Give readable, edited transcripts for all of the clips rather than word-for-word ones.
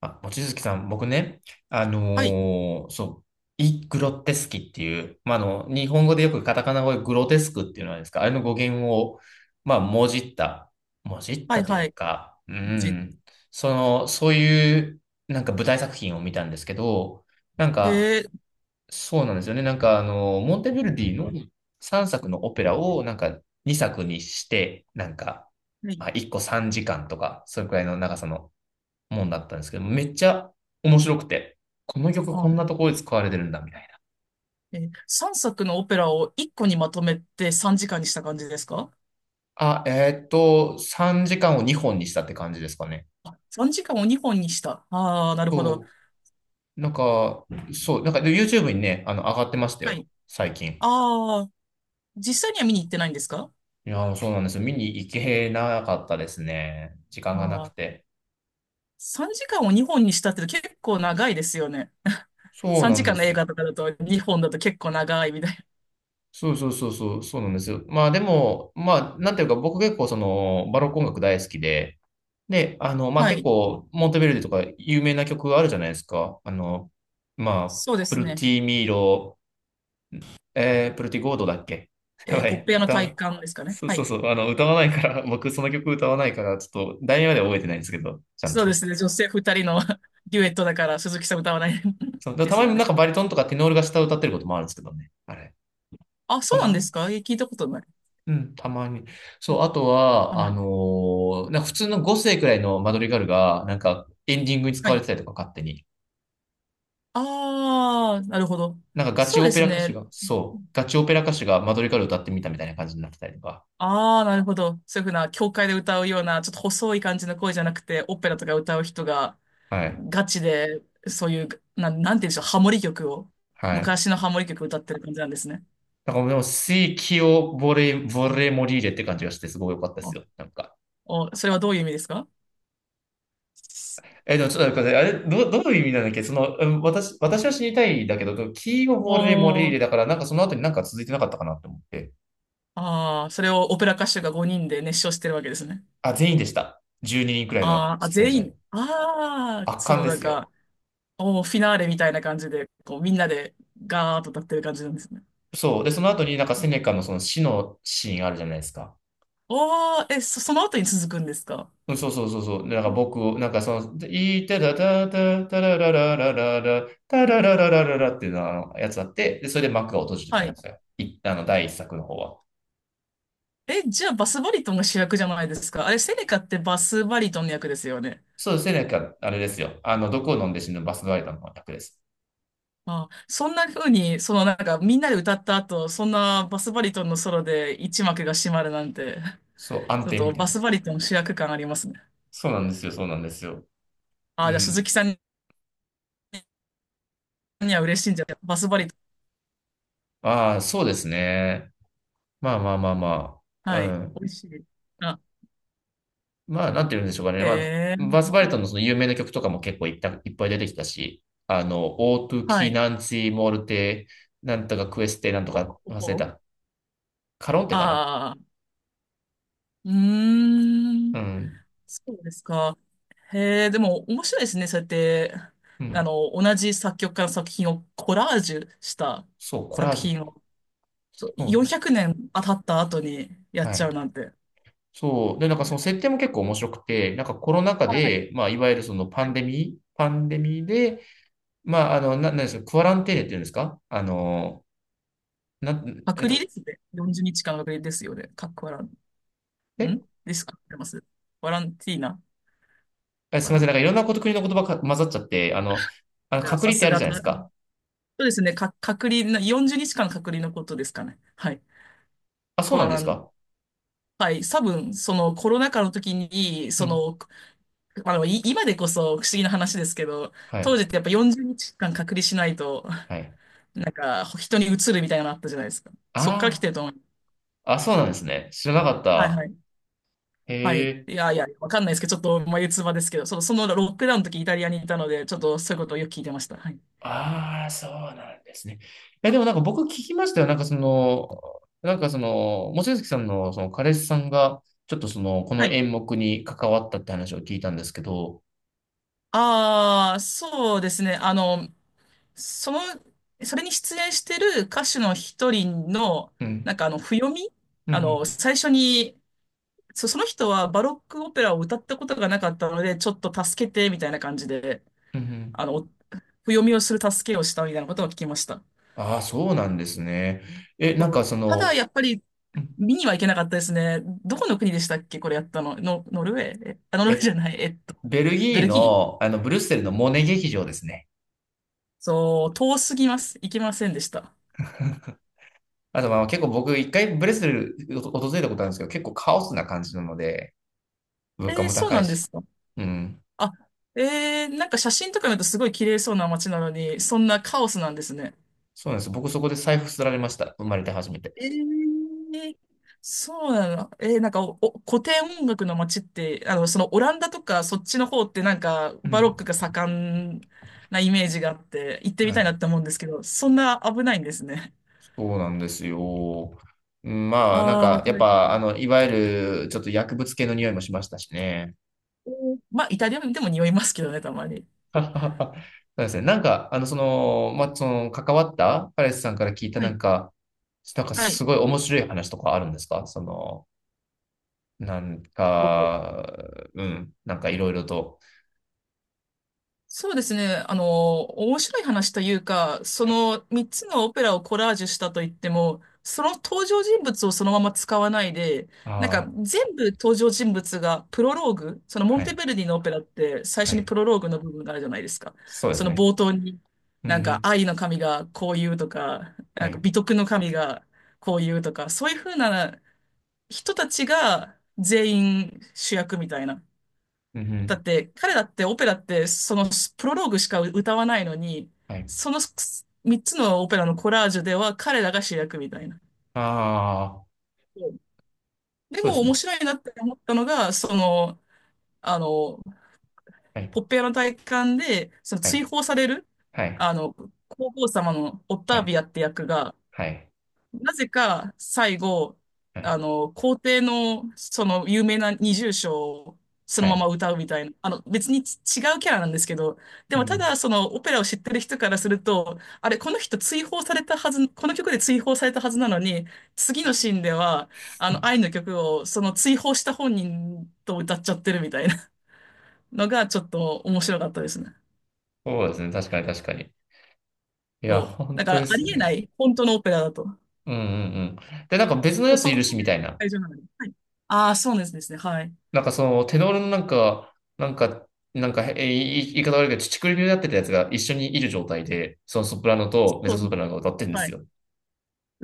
あ、望月さん、僕ね、はい。そう、イ・グロテスキっていう、まあ、日本語でよくカタカナ語でグロテスクっていうのはですか、あれの語源を、まあ、もじっはいたといはうい。か、う一ん、その、そういう、なんか舞台作品を見たんですけど、なんか、へえ、そうなんですよね、なんか、モンテヴェルディの3作のオペラを、なんか、2作にして、なんか、はい。まあ、1個3時間とか、それくらいの長さのもんだったんですけど、めっちゃ面白くて、この曲こんなはところで使われてるんだみたいな。い。3作のオペラを1個にまとめて3時間にした感じですか？あ、3時間を2本にしたって感じですかね？あ、3時間を2本にした。ああ、なるほど。そう。なんか、そう、なんかで YouTube にね、上がってましたはよ、い。最近。ああ、実際には見に行ってないんですか？いやー、そうなんですよ。見に行けなかったですね。時間がなくああ、て。3時間を2本にしたって結構長いですよね。そう3なん時で間のす映よ。画とかだと2本だと結構長いみたいそうそうそうそう、そうなんですよ。まあでも、まあ、なんていうか、僕結構その、バロック音楽大好きで、で、まな。あ、は結い。構、モンテベルデとか有名な曲があるじゃないですか。まあ、そうでプすルね。ティミーロ、プルティゴードだっけ やばポッい、プ屋の歌わな体い。感ですかね。そうはそうい。そう、歌わないから、僕その曲歌わないから、ちょっと、題名までは覚えてないんですけど、ちゃんそうでと。すね。女性2人の デュエットだから鈴木さん歌わない そう、だでからすたまよになんね。かバリトンとかテノールが下を歌ってることもあるんですけどね。あれ。あ、そたうなんまでに。すか？え、聞いたことない。うん、たまに。うそう、ん、あとあんは、まり。なんか普通の5世くらいのマドリガルが、なんかエンディングに使はわれてい。たりとか、勝手に。ああ、なるほど。なんかガチそうオでペすラ歌手ね。が、そう、ガチオペラ歌手がマドリカル歌ってみたみたいな感じになってたりとか。ああ、なるほど。そういうふうな、教会で歌うような、ちょっと細い感じの声じゃなくて、オペラとか歌う人が、はい。ガチで、そういう、なんて言うんでしょう、ハモリ曲を、はい。昔のハモリ曲歌ってる感じなんですね。なんかでもう、水気をボレ、ボレモリーレって感じがして、すごい良かったですあよ。なんか。それはどういう意味ですか？え、でもちょっと待って、あれ、どういう意味なんだっけその、うん、私は死にたいんだけど、キーをボレモリおーレー、だから、なんかその後になんか続いてなかったかなって思って。ああ、それをオペラ歌手が5人で熱唱してるわけですね。あ、全員でした。12人くらいのあーあ、出演全者。員、ああ、圧そ巻のでなんすよ。か、おー、フィナーレみたいな感じで、こう、みんなでガーッと歌ってる感じなんですね。そう。で、その後になんかセネカのその死のシーンあるじゃないですか。おー、え、その後に続くんですか？うんそうそうそうそう。でなんか僕を、なんかその、いたたたたたらららららら、たららららららっていうのはあのやつあって、で、それで幕が閉じてたはんでい。すよ。あの、第1作の方は。え、じゃあバスバリトンが主役じゃないですか。あれ、セネカってバスバリトンの役ですよね。そうですね、なんか、あれですよ。毒を飲んで死ぬバスガイドの方が楽です。あ、そんな風に、そのなんかみんなで歌った後、そんなバスバリトンのソロで一幕が閉まるなんて、そう、暗ちょっ転とみたいバな。スバリトン主役感ありますね。そうなんですよ、そうなんですよ。あ、うじゃあ鈴ん。木さんには嬉しいんじゃないバスバリトああ、そうですね。まあまあまあまン。あ。うはい。美ん。味しい。あ、まあ、なんて言うんでしょうかね。へまあ、え。バースバリトンのその有名な曲とかも結構いっぱい出てきたし、オートゥはキい。ナンチモルテ、なんとかクエステ、なんとおか忘れお、た。カロンテかな。ああ。うーん。うん。そうですか。へえ、でも面白いですね。そうやって、うん。同じ作曲家の作品をコラージュしたそう、コラー作ジ品を、そう、ュ。うん。400年経った後にやっはちい。ゃうなんて。そう。で、なんかその設定も結構面白くて、なんかコロナ禍はい。で、まあ、いわゆるそのパンデミー、パンデミーで、まあ、なんですか、クアランテーネって言うんですか？あの、な、えっ隔離と、ですね。40日間の隔離ですよね。かっこ笑、うえ、ん。ですかってます。ワランティーナ。あすワみラません。ン。なんかいろんなこと、国の言葉が混ざっちゃって、あのいや、隔さ離ってすあるがじゃないた、でそすか。うですね。か、隔離な、40日間の隔離のことですかね。はい。あ、そうコなアんでラすン。か？はい。多分、そのコロナ禍の時に、うそん。のまあでも今でこそ不思議な話ですけど、は当い。時ってやっぱ40日間隔離しないと、はい。なんか人に移るみたいなのあったじゃないですか。そっから来あてると思う。あ、あ、そうなんですね。知らなかっはいはた。い。へはい。え。いやいや、わかんないですけど、ちょっと眉唾ですけど、そのロックダウンの時イタリアにいたので、ちょっとそういうことをよく聞いてました。はい。ああ、そうなんですね。え、でもなんか僕聞きましたよ。なんかその、なんかその、望月さんのその彼氏さんが、ちょっとその、こはのい。演目に関わったって話を聞いたんですけど、ああ、そうですね。その、それに出演してる歌手の一人の、うなん。んか譜読み、うんうん。最初にその人はバロックオペラを歌ったことがなかったので、ちょっと助けて、みたいな感じで、うんうん。あの、お譜読みをする助けをしたみたいなことを聞きました。ああ、そうなんですね。え、なんそかう、そただ、の、やっぱり、うん、見には行けなかったですね。どこの国でしたっけ、これやったの。ノルウェー。ノルウェーじえ、ゃない。ベルギベールギー。の、ブリュッセルのモネ劇場ですね。そう、遠すぎます。行けませんでした。あとまあ結構僕1回ブレスル訪れたことあるんですけど、結構カオスな感じなので、物価えー、もそう高ないんでし。すか。うん。あ、えー、なんか写真とか見るとすごい綺麗そうな街なのに、そんなカオスなんですね。そうなんです。僕そこで財布すられました。生まれて初めて。えー、そうなの。えー、なんかお古典音楽の街って、そのオランダとかそっちの方ってなんかうバロッん。クが盛んなイメージがあって、行ってみはたいない。って思うんですけど、そんな危ないんですね。そうなんですよ。うん、まあなんああ、かやっ大ぱあ変。の、いわゆるちょっと薬物系の匂いもしましたしね。まあ、イタリアでも匂いますけどね、たまに。そうですね。なんか、まあ、その、関わったパレスさんから聞いたはない。んか、なんかはい。すごい面白い話とかあるんですか？その、なんか、うん、なんかいろいろと。そうですね。面白い話というか、そはい、の3つのオペラをコラージュしたといっても、その登場人物をそのまま使わないで、なんかああ、全部登場人物がプロローグ、そのモはンテい、ベルディのオペラって最は初にい。プロローグの部分があるじゃないですか。そうでそすのね。冒頭に、うんうなんかん、愛の神がこう言うとか、はなんかい、美徳の神がこう言うとか、そういうふうな人たちが全員主役みたいな。うんうだん、って、彼だってオペラって、そのプロローグしか歌わないのに、はい。その3つのオペラのコラージュでは彼らが主役みたいな。ああ、うん、でそうでもす面ね。白いなって思ったのが、その、あの、はい、ポッペアの体感で、そのは追い、放される、はい、あの、皇后様のオッはターい、ビアって役が、はい、なぜか最後、はい、皇帝のその有名な二重唱をそはのままい。歌うみたいな、別に違うキャラなんですけど、でうんもうただん、そのオペラを知ってる人からすると、あれ、この人追放されたはず、この曲で追放されたはずなのに、次のシーンでは、愛の曲をその追放した本人と歌っちゃってるみたいなのがちょっと面白かったですね。そうですね。確かに確かに。いや、そう。本だか当らであすよりえなね。い、本当のオペラだと。うんうんうん。で、なんか別のそやう、つそいるし、こみでたいな。会場なのに。はい。ああ、そうですね。はい。なんかその、テノールのなんか、なんか、なんか、言い方悪いけど、乳首病になってたやつが一緒にいる状態で、そのソプラノとメそゾソプう、ラノが歌ってるんではすい。よ。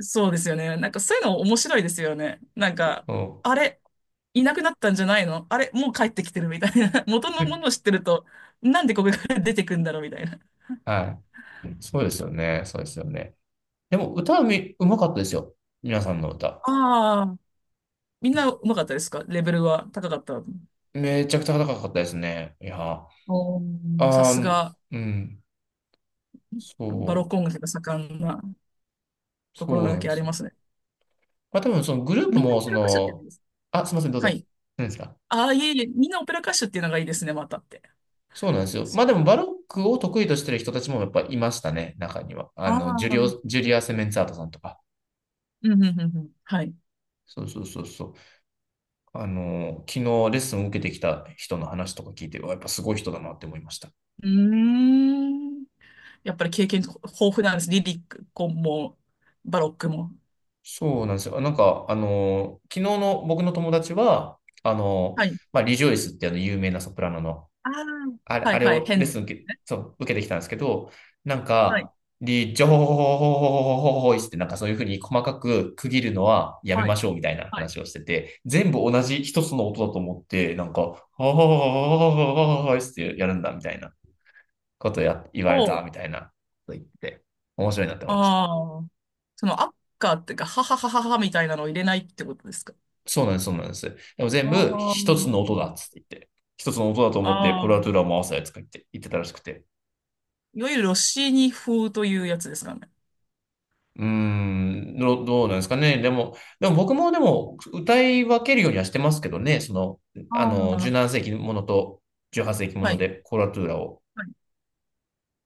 そうですよね。なんかそういうの面白いですよね。なんか、うん。あれ、いなくなったんじゃないのあれ、もう帰ってきてるみたいな。元のものを知 ってると、なんでここから出てくんだろうみたいな。はい。そうですよね。そうですよね。でも、歌はみ、うまかったですよ。皆さんの歌。ああ、みんなうまかったですか？レベルは高かった。めちゃくちゃ高かったですね。いや、あおー、さすー、が、うん。バロッそク音楽が盛んなう、ところそうだなんけでありすよ。ますね。まあ、多分、そのグループみんなも、オそペラ歌手って言うんの、です。あ、すいません、どうはぞ。い。何ですか？ああ、いえいえ、みんなオペラ歌手っていうのがいいですね、またって。そうなんですよ。そまあでう。も、バロックを得意としてる人たちもやっぱいましたね、中には。ああの、あー、ジュリア・セメンツァートさんとか。うん、うん、うん。うん、はい。そうそうそうそう。昨日レッスンを受けてきた人の話とか聞いて、うわやっぱすごい人だなって思いました。うーん。やっぱり経験豊富なんです。リリック、も、バロックも。そうなんですよ。なんか、昨日の僕の友達は、はい。まあ、リジョイスってあの有名なソプラノの、ああ、はあいれはい、を変レッでスすン受け、ね。そう、受けてきたんですけど、なんはい、か、リジョイスってなんかそういうふうに細かく区切るのはやめはまい、しょうみたいなはい。話をしてて、全部同じ一つの音だと思って、なんか、ははははははってやるんだみたいなことを言われおたう、みたいなこと言って、面白いなって思いました。ああ、その、アッカーっていうか、はははははみたいなのを入れないってことですか？そうなんです、そうなんです。でも全あ部あ、一つなのるほ音だど。っつって言って、一つの音だと思ってコああ、ラトゥーラを回すやつか言って言ってたらしくて。いわゆるロッシーニ風というやつですかね。うーん、どうなんですかね。でも、でも僕もでも歌い分けるようにはしてますけどね、その、ああ、17世紀ものと18世紀もはのい。でコラトゥーラを。はい。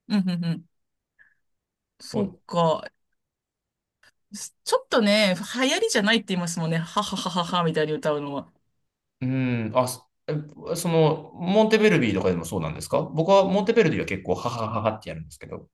うん、うん、うん。そそっうか。ちょっとね、流行りじゃないって言いますもんね。ははははははみたいに歌うのは。うーん、あ、その、モンテベルビーとかでもそうなんですか？僕はモンテベルビーは結構、ははははってやるんですけど。